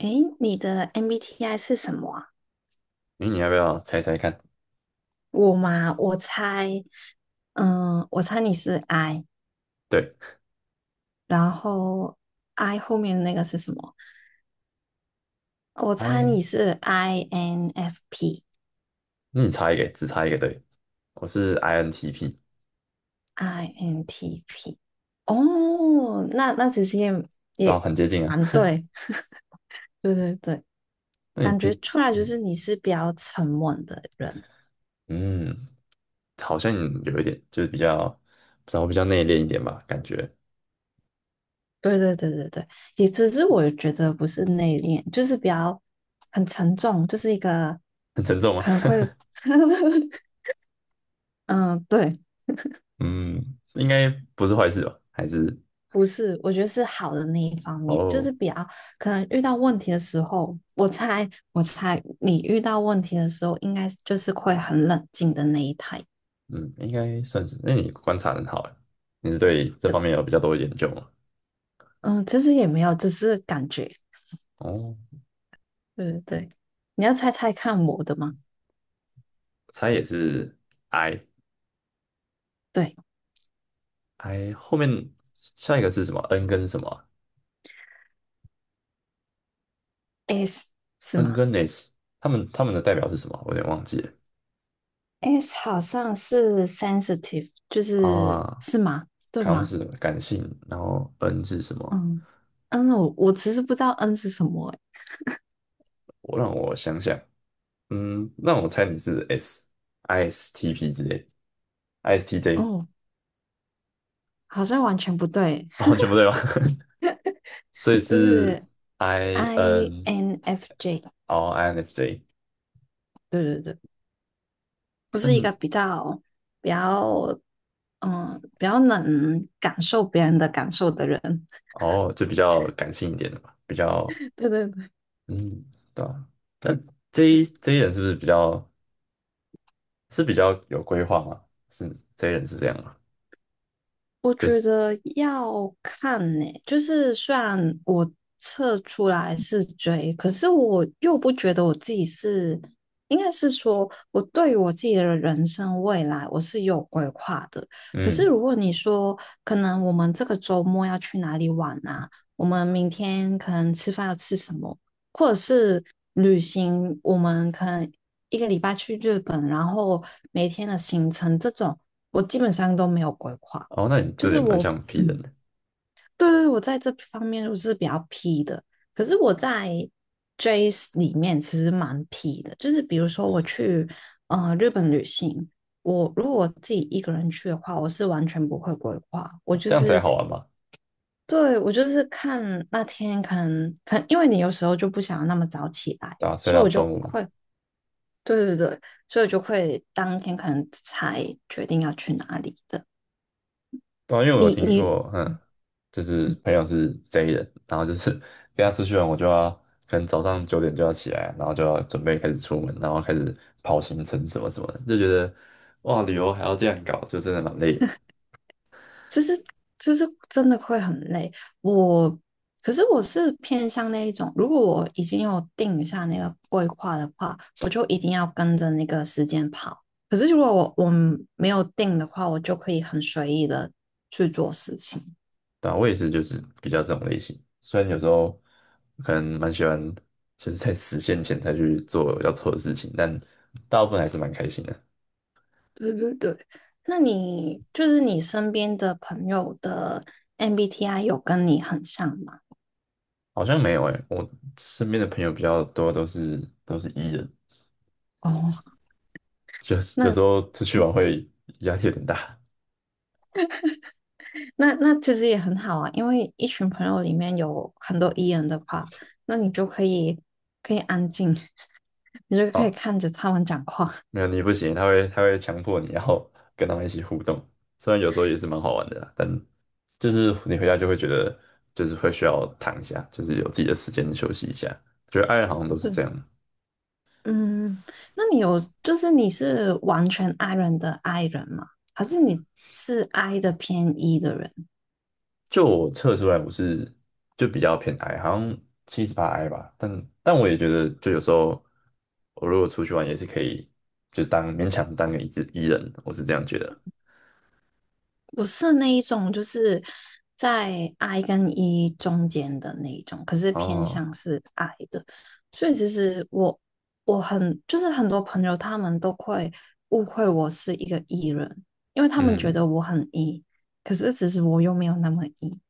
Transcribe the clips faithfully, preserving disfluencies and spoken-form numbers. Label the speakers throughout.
Speaker 1: 诶，你的 M B T I 是什么啊？
Speaker 2: 诶，你要不要猜猜看？
Speaker 1: 我嘛，我猜，嗯，我猜你是 I，
Speaker 2: 对
Speaker 1: 然后 I 后面那个是什么？我猜你
Speaker 2: ，I，
Speaker 1: 是 I N F P，I N T P。
Speaker 2: 那你猜一个，只猜一个，对，我是 I N T P，
Speaker 1: 哦，那那其实也
Speaker 2: 倒
Speaker 1: 也
Speaker 2: 很接近啊。
Speaker 1: 蛮对，对对对，
Speaker 2: 那你，
Speaker 1: 感觉
Speaker 2: 你，
Speaker 1: 出来就
Speaker 2: 嗯
Speaker 1: 是你是比较沉稳的人。
Speaker 2: 嗯，好像有一点，就是比较，不知道比较内敛一点吧，感觉
Speaker 1: 对对对对对，也只是我觉得不是内敛，就是比较很沉重，就是一个
Speaker 2: 很沉重吗？
Speaker 1: 可能会，嗯，对，
Speaker 2: 嗯，应该不是坏事吧？还是
Speaker 1: 不是，我觉得是好的那一方面，就
Speaker 2: 哦，
Speaker 1: 是比较可能遇到问题的时候，我猜我猜你遇到问题的时候，应该就是会很冷静的那一台，
Speaker 2: 嗯，应该算是。那你观察得很好欸，你是对这
Speaker 1: 真
Speaker 2: 方
Speaker 1: 的，
Speaker 2: 面有比较多的研究吗？
Speaker 1: 嗯，其实也没有，只是感觉，
Speaker 2: 哦，
Speaker 1: 对对对，你要猜猜看我的吗？
Speaker 2: 我猜也是 I，I
Speaker 1: 对
Speaker 2: 后面下一个是什么？N 跟什么啊
Speaker 1: ，S 是
Speaker 2: N
Speaker 1: 吗？
Speaker 2: 跟 S，他们他们的代表是什么？我有点忘记了
Speaker 1: S 好像是 sensitive，就是
Speaker 2: 啊。
Speaker 1: 是吗？对
Speaker 2: 康
Speaker 1: 吗？
Speaker 2: 是感性，然后 N 是什么？
Speaker 1: 嗯嗯，我我其实不知道 N 是什么欸。
Speaker 2: 我让我想想，嗯，让我猜你是 S，I S T P 之类，I S T J，
Speaker 1: 哦，好像完全不对，
Speaker 2: 哦，全部对吧？所以
Speaker 1: 就
Speaker 2: 是
Speaker 1: 是
Speaker 2: I N，
Speaker 1: I N F J，
Speaker 2: 哦，I N F J,
Speaker 1: 对对对，不
Speaker 2: 但
Speaker 1: 是一个
Speaker 2: 是
Speaker 1: 比较比较嗯比较能感受别人的感受的人，
Speaker 2: 哦，就比较感性一点的嘛，比较
Speaker 1: 对对对，
Speaker 2: 嗯，对啊。那 J J 人是不是比较是比较有规划吗？是 J 人是这样吗？
Speaker 1: 我
Speaker 2: 就
Speaker 1: 觉
Speaker 2: 是。
Speaker 1: 得要看呢、就是虽然我测出来是追，可是我又不觉得我自己是，应该是说我对于我自己的人生未来我是有规划的。可是
Speaker 2: 嗯，
Speaker 1: 如果你说，可能我们这个周末要去哪里玩啊？我们明天可能吃饭要吃什么？或者是旅行，我们可能一个礼拜去日本，然后每天的行程这种，我基本上都没有规划。
Speaker 2: 哦，那你
Speaker 1: 就
Speaker 2: 这
Speaker 1: 是
Speaker 2: 也蛮
Speaker 1: 我，
Speaker 2: 像 P 人
Speaker 1: 嗯，
Speaker 2: 的，
Speaker 1: 对对，我在这方面我是比较 P 的，可是我在 Jace 里面其实蛮 P 的，就是比如说我去呃日本旅行，我如果我自己一个人去的话，我是完全不会规划，我就
Speaker 2: 这样才
Speaker 1: 是。
Speaker 2: 好玩嘛，
Speaker 1: 对，我就是看那天可能可能因为你有时候就不想要那么早起来，
Speaker 2: 对啊，睡
Speaker 1: 所以
Speaker 2: 到
Speaker 1: 我
Speaker 2: 中
Speaker 1: 就
Speaker 2: 午，
Speaker 1: 会。对对对，所以我就会当天可能才决定要去哪里的，
Speaker 2: 对啊，因为我有
Speaker 1: 你
Speaker 2: 听
Speaker 1: 你。嗯
Speaker 2: 过，嗯，
Speaker 1: 嗯，
Speaker 2: 就是朋友是 J 人，然后就是 跟他出去玩，我就要可能早上九点就要起来，然后就要准备开始出门，然后开始跑行程什么什么的，就觉得哇，旅游还要这样搞，就真的蛮累的，
Speaker 1: 其实其实真的会很累。我可是我是偏向那一种，如果我已经有定下那个规划的话，我就一定要跟着那个时间跑。可是如果我我没有定的话，我就可以很随意的去做事情。
Speaker 2: 对啊，我也是，就是比较这种类型，虽然有时候可能蛮喜欢，就是在实现前才去做要做的事情，但大部分还是蛮开心的。
Speaker 1: 对对对，那你就是你身边的朋友的 M B T I 有跟你很像吗？
Speaker 2: 好像没有诶、我身边的朋友比较多都是都是 E 人，
Speaker 1: 哦，
Speaker 2: 就是有
Speaker 1: 那
Speaker 2: 时候出去玩会压力有点大
Speaker 1: 那那其实也很好啊，因为一群朋友里面有很多 E 人的话，那你就可以可以安静，你就可以
Speaker 2: 哦。
Speaker 1: 看着他们讲话。
Speaker 2: 没有你不行，他会他会强迫你，然后跟他们一起互动。虽然有时候也是蛮好玩的啦，但就是你回家就会觉得就是会需要躺一下，就是有自己的时间休息一下。觉得爱人好像都是
Speaker 1: 对，
Speaker 2: 这样。
Speaker 1: 嗯，那你有就是你是完全 I 人的 I 人吗？还是你是 I 的偏 E 的人？
Speaker 2: 就我测出来我是就比较偏 I，好像七十八 I 吧，但但我也觉得就有时候我如果出去玩也是可以，就当勉强当个 E 字 E 人，我是这样觉得。
Speaker 1: 我是那一种，就是在 I 跟 E 中间的那一种，可是偏向
Speaker 2: 哦，
Speaker 1: 是 I 的，所以其实我我很就是很多朋友他们都会误会我是一个 E 人，因为他们觉
Speaker 2: 嗯，
Speaker 1: 得我很 E，可是其实我又没有那么 E。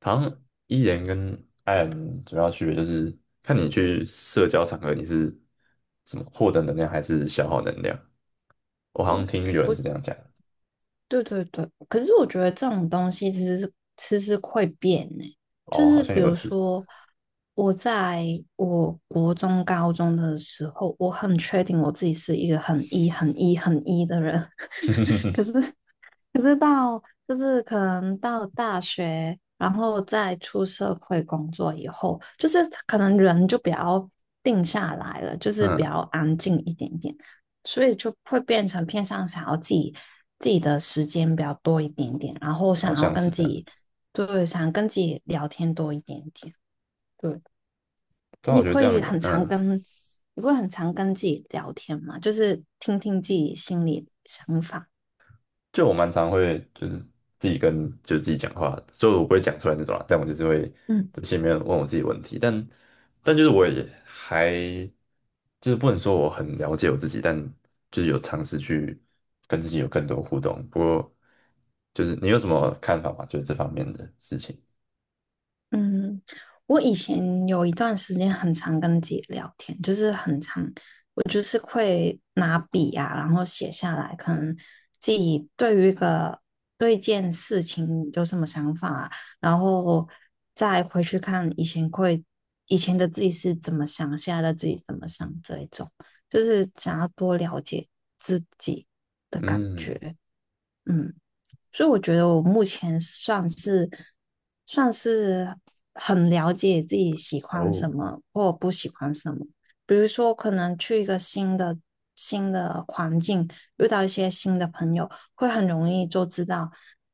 Speaker 2: 好像 E 人跟 I 人主要区别就是看你去社交场合你是怎么获得能量还是消耗能量，我好
Speaker 1: 对，
Speaker 2: 像听有人
Speaker 1: 我
Speaker 2: 是这样讲的
Speaker 1: 对对对，可是我觉得这种东西其实是其实会变呢、就
Speaker 2: 哦，好
Speaker 1: 是
Speaker 2: 像
Speaker 1: 比
Speaker 2: 有
Speaker 1: 如
Speaker 2: 是，
Speaker 1: 说我在我国中、高中的时候，我很确定我自己是一个很 E、很 E、很 E 的人，可是到就是可能到大学，然后再出社会工作以后，就是可能人就比较定下来了，就是比
Speaker 2: 嗯，
Speaker 1: 较安静一点点，所以就会变成偏向想要自己自己的时间比较多一点点，然后
Speaker 2: 好
Speaker 1: 想要
Speaker 2: 像是
Speaker 1: 跟自
Speaker 2: 这样
Speaker 1: 己，
Speaker 2: 子，
Speaker 1: 对，想跟自己聊天多一点点。对，
Speaker 2: 对啊，我
Speaker 1: 你
Speaker 2: 觉得这样
Speaker 1: 会
Speaker 2: 也
Speaker 1: 很常
Speaker 2: 嗯。
Speaker 1: 跟你会很常跟自己聊天吗？就是听听自己心里的想法。
Speaker 2: 就我蛮常会就是自己跟就自己讲话，就我不会讲出来那种啦，但我就是会
Speaker 1: 嗯。
Speaker 2: 在心里面问我自己问题，但但就是我也还就是不能说我很了解我自己，但就是有尝试去跟自己有更多互动。不过就是你有什么看法吗？就是这方面的事情，
Speaker 1: 嗯，我以前有一段时间很常跟自己聊天，就是很常，我就是会拿笔啊，然后写下来，可能自己对于一个对一件事情有什么想法啊，然后再回去看以前会以前的自己是怎么想，现在的自己怎么想，这一种就是想要多了解自己的感
Speaker 2: 嗯，
Speaker 1: 觉，嗯。所以我觉得我目前算是算是很了解自己喜欢
Speaker 2: 哦，
Speaker 1: 什么或不喜欢什么。比如说，可能去一个新的新的环境，遇到一些新的朋友，会很容易就知道，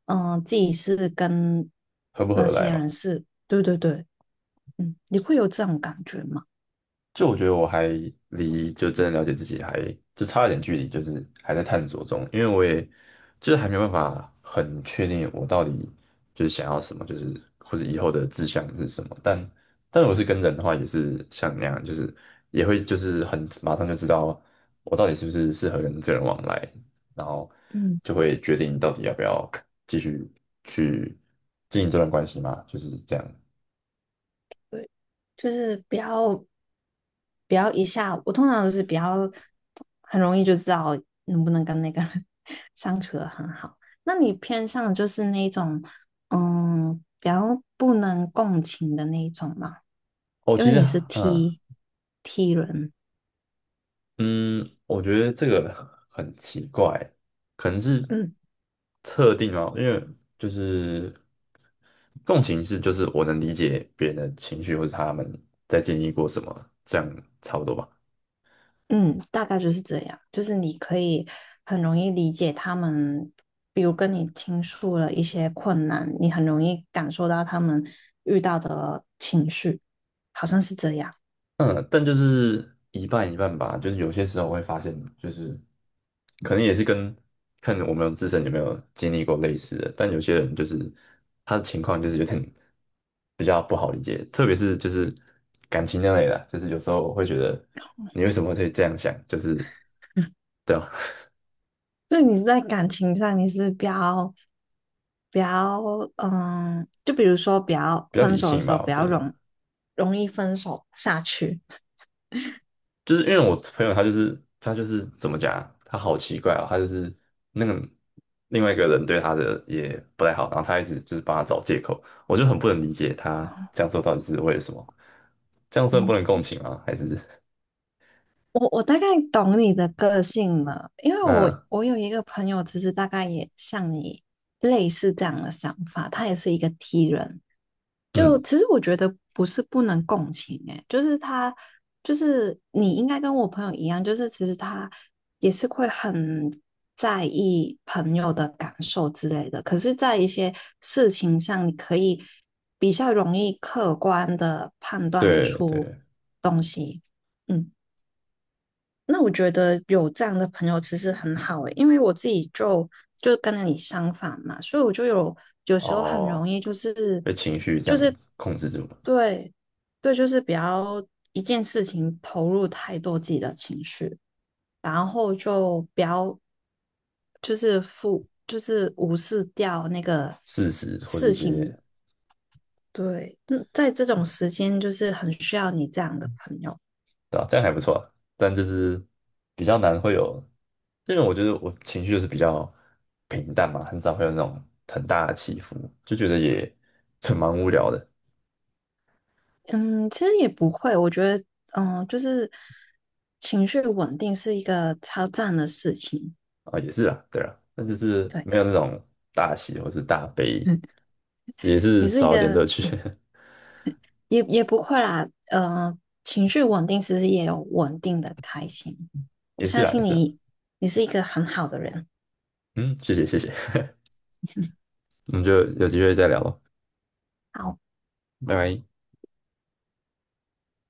Speaker 1: 嗯、自己是跟
Speaker 2: 合不合
Speaker 1: 那
Speaker 2: 得来
Speaker 1: 些
Speaker 2: 嘛？
Speaker 1: 人是，对对对，嗯，你会有这种感觉吗？
Speaker 2: 就我觉得我还离就真的了解自己还就差一点距离，就是还在探索中，因为我也就是还没有办法很确定我到底就是想要什么，就是或者以后的志向是什么。但但我是跟人的话，也是像那样，就是也会就是很马上就知道我到底是不是适合跟这个人往来，然后
Speaker 1: 嗯。
Speaker 2: 就会决定到底要不要继续去经营这段关系嘛，就是这样。
Speaker 1: 就是不要不要一下，我通常都是比较很容易就知道能不能跟那个人 相处的很好。那你偏向就是那种嗯比较不能共情的那一种吗？
Speaker 2: 哦，
Speaker 1: 因为
Speaker 2: 其实
Speaker 1: 你是
Speaker 2: 嗯。
Speaker 1: T T 人，
Speaker 2: 嗯，我觉得这个很奇怪，可能是
Speaker 1: 嗯。
Speaker 2: 特定哦，因为就是共情是就是我能理解别人的情绪或者他们在经历过什么，这样差不多吧。
Speaker 1: 嗯，大概就是这样，就是你可以很容易理解他们，比如跟你倾诉了一些困难，你很容易感受到他们遇到的情绪，好像是这样。
Speaker 2: 嗯，但就是一半一半吧，就是有些时候我会发现，就是可能也是跟看我们自身有没有经历过类似的，但有些人就是他的情况就是有点。特别是就是感情那类的啊，就是有时候我会觉得你为什么会这样想，就是对啊，
Speaker 1: 就你在感情上，你是比较比较嗯，就比如说比较
Speaker 2: 比较
Speaker 1: 分
Speaker 2: 理
Speaker 1: 手的
Speaker 2: 性
Speaker 1: 时候
Speaker 2: 吧，我
Speaker 1: 比
Speaker 2: 觉
Speaker 1: 较
Speaker 2: 得吧，
Speaker 1: 容容易分手下去。
Speaker 2: 就是因为我朋友他就是他就是怎么讲啊他好奇怪啊、他就是那个另外一个人对他的也不太好，然后他一直就是帮他找借口，我就很不能理解他这样做到底是为了什么，这样算不能 共情吗？还是
Speaker 1: 我我大概懂你的个性了，因为 我
Speaker 2: 嗯
Speaker 1: 我有一个朋友，其实大概也像你类似这样的想法，他也是一个 T 人。就
Speaker 2: 嗯，
Speaker 1: 其实我觉得不是不能共情、欸，就是他就是你应该跟我朋友一样，就是其实他也是会很在意朋友的感受之类的。可是，在一些事情上，你可以比较容易客观的判断
Speaker 2: 对对
Speaker 1: 出东西。嗯。那我觉得有这样的朋友其实很好诶，因为我自己就就跟你相反嘛，所以我就有有时候很
Speaker 2: 哦，
Speaker 1: 容易就是
Speaker 2: 被情绪这
Speaker 1: 就
Speaker 2: 样
Speaker 1: 是
Speaker 2: 控制住了
Speaker 1: 对对，就是比较一件事情投入太多自己的情绪，然后就不要就是负就是无视掉那个
Speaker 2: 事实或是
Speaker 1: 事
Speaker 2: 一
Speaker 1: 情。
Speaker 2: 些。
Speaker 1: 对，嗯，在这种时间就是很需要你这样的朋友。
Speaker 2: 对吧？这样还不错啊但就是比较难会有，因为我觉得我情绪就是比较平淡嘛，很少会有那种很大的起伏，就觉得也 蛮无聊的
Speaker 1: 嗯，其实也不会，我觉得，嗯，就是情绪稳定是一个超赞的事情。
Speaker 2: 啊，也是啦，对啦，但就是
Speaker 1: 对，
Speaker 2: 没有那种大喜或是大悲，
Speaker 1: 嗯，
Speaker 2: 也是
Speaker 1: 你是一
Speaker 2: 少一点
Speaker 1: 个，
Speaker 2: 乐趣，
Speaker 1: 嗯，也也不会啦，呃，情绪稳定其实也有稳定的开心。我
Speaker 2: 也是
Speaker 1: 相
Speaker 2: 啦，也
Speaker 1: 信
Speaker 2: 是啦，
Speaker 1: 你，你是一个很好的人。
Speaker 2: 嗯，谢谢谢谢，我们就有机会再聊咯，
Speaker 1: 好
Speaker 2: 拜拜。